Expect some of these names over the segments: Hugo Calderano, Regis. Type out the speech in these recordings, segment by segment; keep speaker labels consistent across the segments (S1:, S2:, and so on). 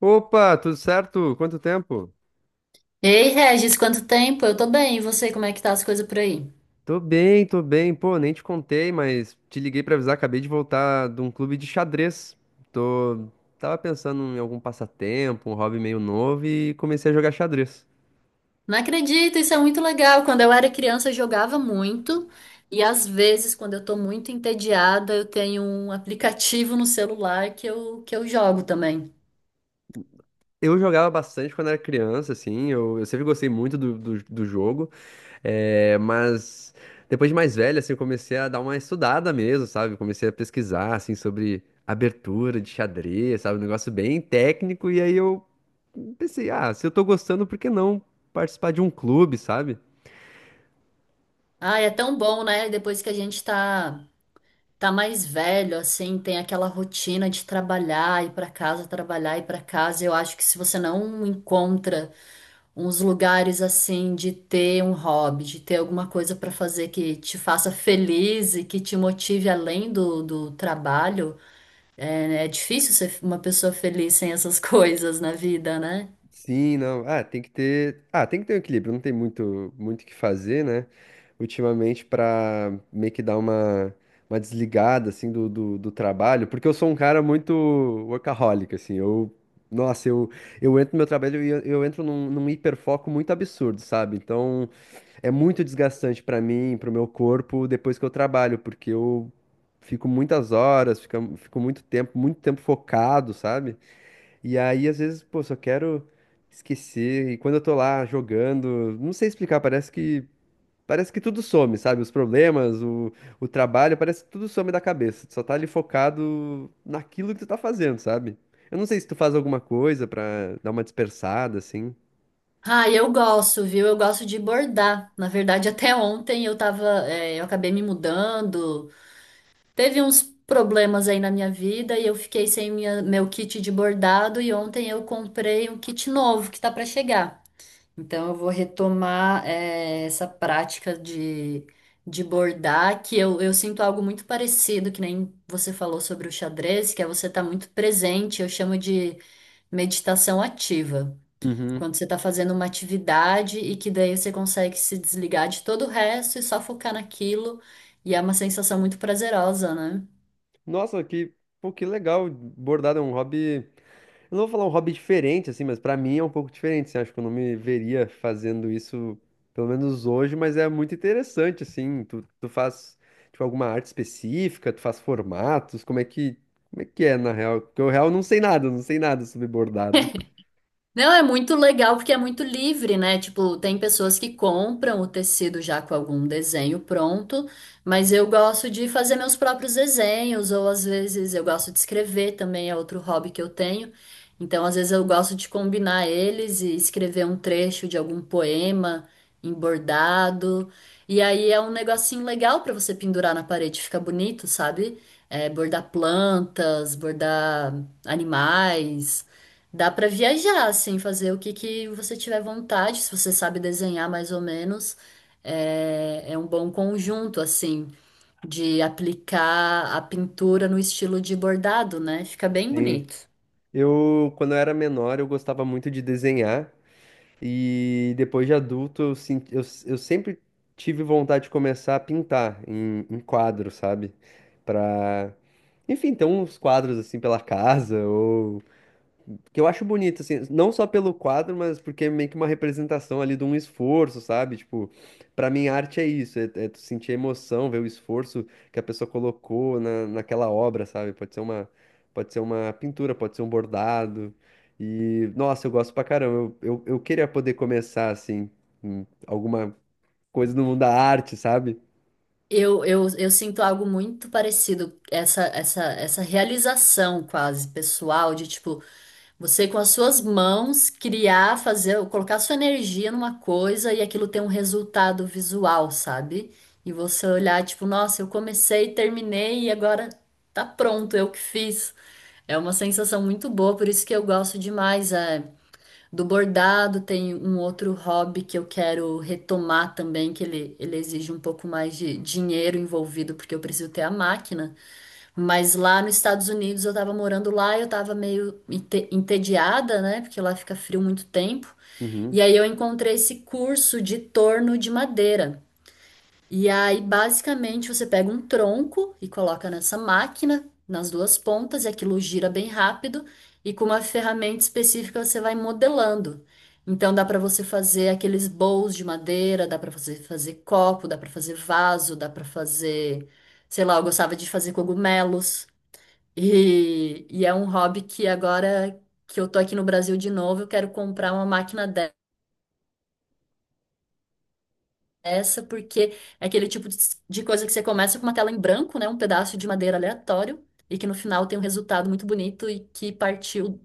S1: Opa, tudo certo? Quanto tempo?
S2: Ei, Regis, quanto tempo? Eu tô bem, e você, como é que tá as coisas por aí?
S1: Tô bem, tô bem. Pô, nem te contei, mas te liguei pra avisar, acabei de voltar de um clube de xadrez. Tô... Tava pensando em algum passatempo, um hobby meio novo e comecei a jogar xadrez.
S2: Não acredito, isso é muito legal. Quando eu era criança, eu jogava muito, e às vezes, quando eu tô muito entediada, eu tenho um aplicativo no celular que eu jogo também.
S1: Eu jogava bastante quando era criança, assim, eu sempre gostei muito do jogo. É, mas depois de mais velho, assim, eu comecei a dar uma estudada mesmo, sabe? Comecei a pesquisar, assim, sobre abertura de xadrez, sabe? Um negócio bem técnico. E aí eu pensei, ah, se eu tô gostando, por que não participar de um clube, sabe?
S2: Ah, é tão bom, né? Depois que a gente tá mais velho, assim, tem aquela rotina de trabalhar, ir pra casa, trabalhar, ir pra casa. Eu acho que se você não encontra uns lugares assim de ter um hobby, de ter alguma coisa para fazer que te faça feliz e que te motive além do trabalho. É difícil ser uma pessoa feliz sem essas coisas na vida, né?
S1: Sim, não. Ah, tem que ter. Ah, tem que ter um equilíbrio. Não tem muito, muito o que fazer, né? Ultimamente, pra meio que dar uma desligada, assim, do trabalho. Porque eu sou um cara muito workaholic, assim. Nossa, eu entro no meu trabalho e eu entro num hiperfoco muito absurdo, sabe? Então, é muito desgastante pra mim, pro meu corpo, depois que eu trabalho. Porque eu fico muitas horas, fico muito tempo focado, sabe? E aí, às vezes, pô, só quero esquecer. E quando eu tô lá jogando, não sei explicar, parece que tudo some, sabe? Os problemas, o trabalho, parece que tudo some da cabeça. Tu só tá ali focado naquilo que tu tá fazendo, sabe? Eu não sei se tu faz alguma coisa pra dar uma dispersada, assim.
S2: Ah, eu gosto, viu? Eu gosto de bordar. Na verdade, até ontem eu tava, eu acabei me mudando. Teve uns problemas aí na minha vida e eu fiquei sem meu kit de bordado e ontem eu comprei um kit novo que tá para chegar. Então, eu vou retomar essa prática de bordar, que eu sinto algo muito parecido, que nem você falou sobre o xadrez, que é você estar muito presente, eu chamo de meditação ativa.
S1: Uhum.
S2: Quando você está fazendo uma atividade e que daí você consegue se desligar de todo o resto e só focar naquilo, e é uma sensação muito prazerosa, né?
S1: Nossa, pô, que legal. Bordado é um hobby. Eu não vou falar um hobby diferente, assim, mas pra mim é um pouco diferente, assim, acho que eu não me veria fazendo isso, pelo menos hoje, mas é muito interessante, assim, tu faz, tipo, alguma arte específica, tu faz formatos, como é que é, na real? Porque eu, real, não sei nada, não sei nada sobre bordado.
S2: Não, é muito legal porque é muito livre, né? Tipo, tem pessoas que compram o tecido já com algum desenho pronto, mas eu gosto de fazer meus próprios desenhos, ou às vezes eu gosto de escrever também, é outro hobby que eu tenho. Então, às vezes eu gosto de combinar eles e escrever um trecho de algum poema em bordado. E aí é um negocinho legal para você pendurar na parede, fica bonito, sabe? É, bordar plantas, bordar animais. Dá pra viajar, assim, fazer o que que você tiver vontade, se você sabe desenhar mais ou menos. É um bom conjunto, assim, de aplicar a pintura no estilo de bordado, né? Fica bem
S1: Sim,
S2: bonito.
S1: quando eu era menor, eu gostava muito de desenhar. E depois de adulto, eu sempre tive vontade de começar a pintar em quadro, sabe? Pra, enfim, ter uns quadros assim pela casa, ou que eu acho bonito, assim, não só pelo quadro, mas porque é meio que uma representação ali de um esforço, sabe? Tipo, pra mim, arte é isso, é tu sentir a emoção, ver o esforço que a pessoa colocou naquela obra, sabe? Pode ser uma pintura, pode ser um bordado. E, nossa, eu gosto pra caramba. Eu queria poder começar, assim, em alguma coisa no mundo da arte, sabe?
S2: Eu sinto algo muito parecido, essa realização quase pessoal, de tipo, você com as suas mãos criar, fazer, colocar sua energia numa coisa e aquilo ter um resultado visual, sabe? E você olhar tipo, nossa, eu comecei, terminei e agora tá pronto, eu que fiz. É uma sensação muito boa, por isso que eu gosto demais, do bordado. Tem um outro hobby que eu quero retomar também, que ele exige um pouco mais de dinheiro envolvido, porque eu preciso ter a máquina. Mas lá nos Estados Unidos eu tava morando lá, e eu tava meio entediada, né? Porque lá fica frio muito tempo.
S1: Uhum.
S2: E aí eu encontrei esse curso de torno de madeira. E aí, basicamente, você pega um tronco e coloca nessa máquina, nas duas pontas, e aquilo gira bem rápido, e com uma ferramenta específica você vai modelando. Então dá para você fazer aqueles bowls de madeira, dá para você fazer copo, dá para fazer vaso, dá para fazer, sei lá, eu gostava de fazer cogumelos. E é um hobby que agora que eu tô aqui no Brasil de novo, eu quero comprar uma máquina dessa, porque é aquele tipo de coisa que você começa com uma tela em branco, né? Um pedaço de madeira aleatório, e que no final tem um resultado muito bonito e que partiu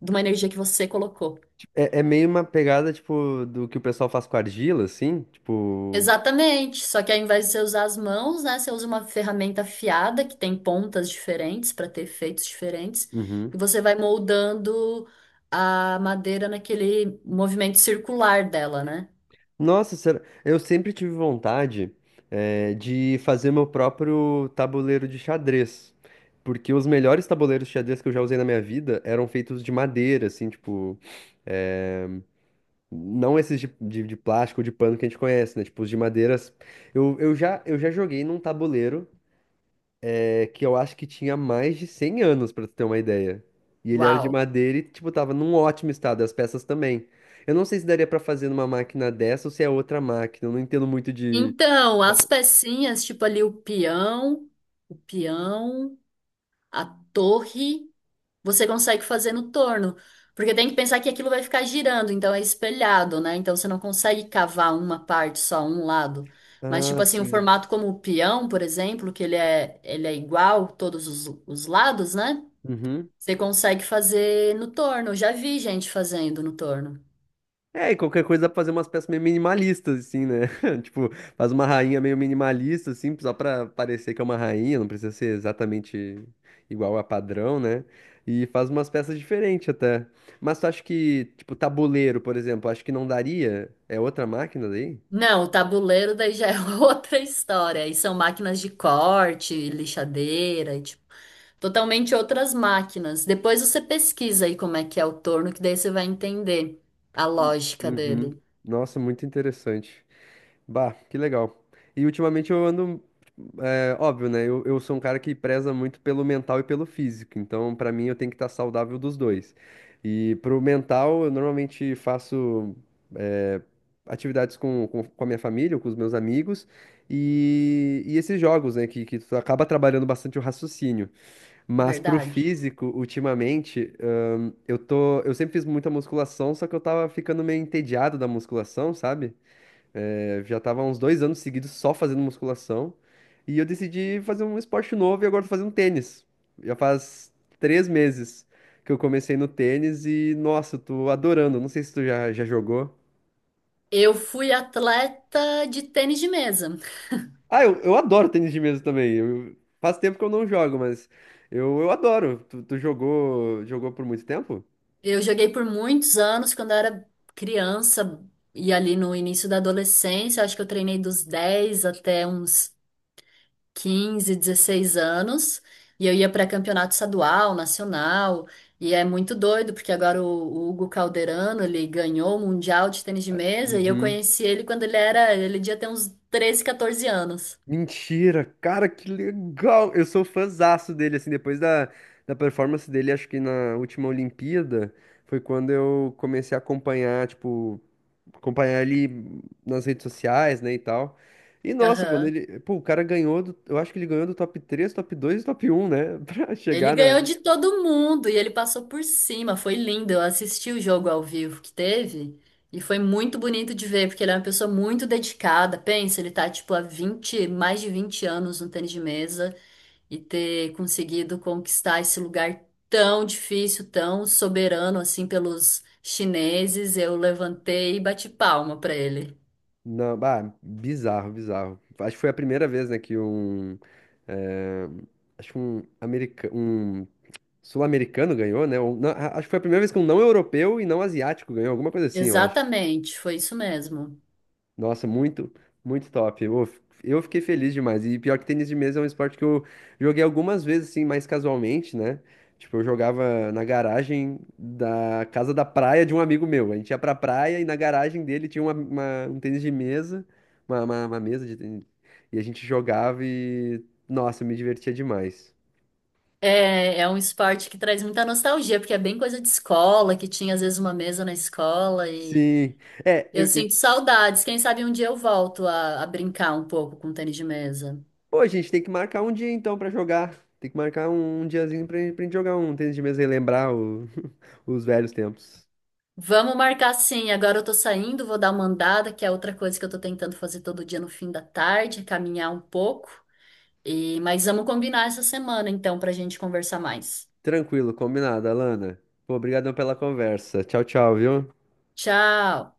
S2: de uma energia que você colocou.
S1: É meio uma pegada, tipo, do que o pessoal faz com argila, assim, tipo.
S2: Exatamente, só que ao invés de você usar as mãos, né, você usa uma ferramenta afiada que tem pontas diferentes para ter efeitos diferentes,
S1: Uhum.
S2: e você vai moldando a madeira naquele movimento circular dela, né?
S1: Nossa, eu sempre tive vontade, de fazer meu próprio tabuleiro de xadrez. Porque os melhores tabuleiros de xadrez que eu já usei na minha vida eram feitos de madeira, assim, tipo. eh, não esses de plástico, de pano que a gente conhece, né? Tipo, os de madeiras. Eu já joguei num tabuleiro, é que eu acho que tinha mais de 100 anos, pra tu ter uma ideia. E ele era de
S2: Uau.
S1: madeira e, tipo, tava num ótimo estado, as peças também. Eu não sei se daria pra fazer numa máquina dessa ou se é outra máquina, eu não entendo muito de...
S2: Então, as pecinhas, tipo ali o peão, a torre, você consegue fazer no torno. Porque tem que pensar que aquilo vai ficar girando, então é espelhado, né? Então você não consegue cavar uma parte só, um lado. Mas,
S1: Ah,
S2: tipo assim, um
S1: sim.
S2: formato como o peão, por exemplo, que ele é igual todos os lados, né?
S1: Uhum.
S2: Você consegue fazer no torno. Eu já vi gente fazendo no torno.
S1: É, e qualquer coisa dá pra fazer umas peças meio minimalistas, assim, né? Tipo, faz uma rainha meio minimalista, assim, só pra parecer que é uma rainha, não precisa ser exatamente igual a padrão, né? E faz umas peças diferentes até. Mas tu acha que, tipo, tabuleiro, por exemplo, acho que não daria? É outra máquina daí?
S2: Não, o tabuleiro daí já é outra história. E são máquinas de corte, lixadeira, e, tipo, totalmente outras máquinas. Depois você pesquisa aí como é que é o torno, que daí você vai entender a lógica
S1: Uhum.
S2: dele.
S1: Nossa, muito interessante. Bah, que legal. E ultimamente eu ando É óbvio, né? Eu sou um cara que preza muito pelo mental e pelo físico, então pra mim eu tenho que estar saudável dos dois. E pro mental, eu normalmente faço é, atividades com a minha família, ou com os meus amigos, e esses jogos, né? Que tu acaba trabalhando bastante o raciocínio. Mas pro
S2: Verdade.
S1: físico, ultimamente, eu sempre fiz muita musculação, só que eu tava ficando meio entediado da musculação, sabe? É, já tava há uns 2 anos seguidos só fazendo musculação. E eu decidi fazer um esporte novo e agora tô fazendo tênis. Já faz 3 meses que eu comecei no tênis e, nossa, eu tô adorando. Não sei se tu já jogou.
S2: Eu fui atleta de tênis de mesa.
S1: Ah, eu adoro tênis de mesa também. Faz tempo que eu não jogo, mas eu adoro. Tu jogou por muito tempo?
S2: Eu joguei por muitos anos quando eu era criança e ali no início da adolescência, acho que eu treinei dos 10 até uns 15, 16 anos, e eu ia para campeonato estadual, nacional, e é muito doido, porque agora o Hugo Calderano, ele ganhou o Mundial de Tênis de Mesa, e eu
S1: Uhum.
S2: conheci ele quando ele devia ter uns 13, 14 anos.
S1: Mentira, cara, que legal! Eu sou fãzaço dele, assim, depois da performance dele, acho que na última Olimpíada, foi quando eu comecei a tipo, acompanhar ele nas redes sociais, né, e tal. E nossa, quando
S2: Aham.
S1: ele, pô, o cara ganhou, eu acho que ele ganhou do top 3, top 2, e top um, né, pra
S2: Ele
S1: chegar na,
S2: ganhou de todo mundo, e ele passou por cima, foi lindo, eu assisti o jogo ao vivo que teve, e foi muito bonito de ver, porque ele é uma pessoa muito dedicada, pensa, ele tá, tipo, há 20 mais de 20 anos no tênis de mesa, e ter conseguido conquistar esse lugar tão difícil, tão soberano assim pelos chineses, eu levantei e bati palma para ele.
S1: na, ah, bizarro, bizarro. Acho que foi a primeira vez, né, que um, eh, acho que um Sul-americano ganhou, né? Ou acho que foi a primeira vez que um não europeu e não asiático ganhou, alguma coisa assim, eu acho.
S2: Exatamente, foi isso mesmo.
S1: Nossa, muito, muito top. Eu fiquei feliz demais. E pior que tênis de mesa é um esporte que eu joguei algumas vezes, assim, mais casualmente, né? Tipo, eu jogava na garagem da casa da praia de um amigo meu. A gente ia pra praia e na garagem dele tinha um tênis de mesa, uma mesa de tênis. E a gente jogava e, nossa, eu me divertia demais.
S2: É um esporte que traz muita nostalgia, porque é bem coisa de escola, que tinha às vezes uma mesa na escola e
S1: Sim. É,
S2: eu
S1: eu
S2: sinto saudades. Quem sabe um dia eu volto a brincar um pouco com tênis de mesa.
S1: Pô, a gente tem que marcar um dia então pra jogar. Tem que marcar um diazinho pra gente jogar um tênis de mesa e lembrar os velhos tempos.
S2: Vamos marcar sim. Agora eu tô saindo, vou dar uma andada, que é outra coisa que eu tô tentando fazer todo dia no fim da tarde, é caminhar um pouco. E mas vamos combinar essa semana então pra gente conversar mais.
S1: Tranquilo, combinado, Alana. Pô, obrigadão pela conversa. Tchau, tchau, viu?
S2: Tchau.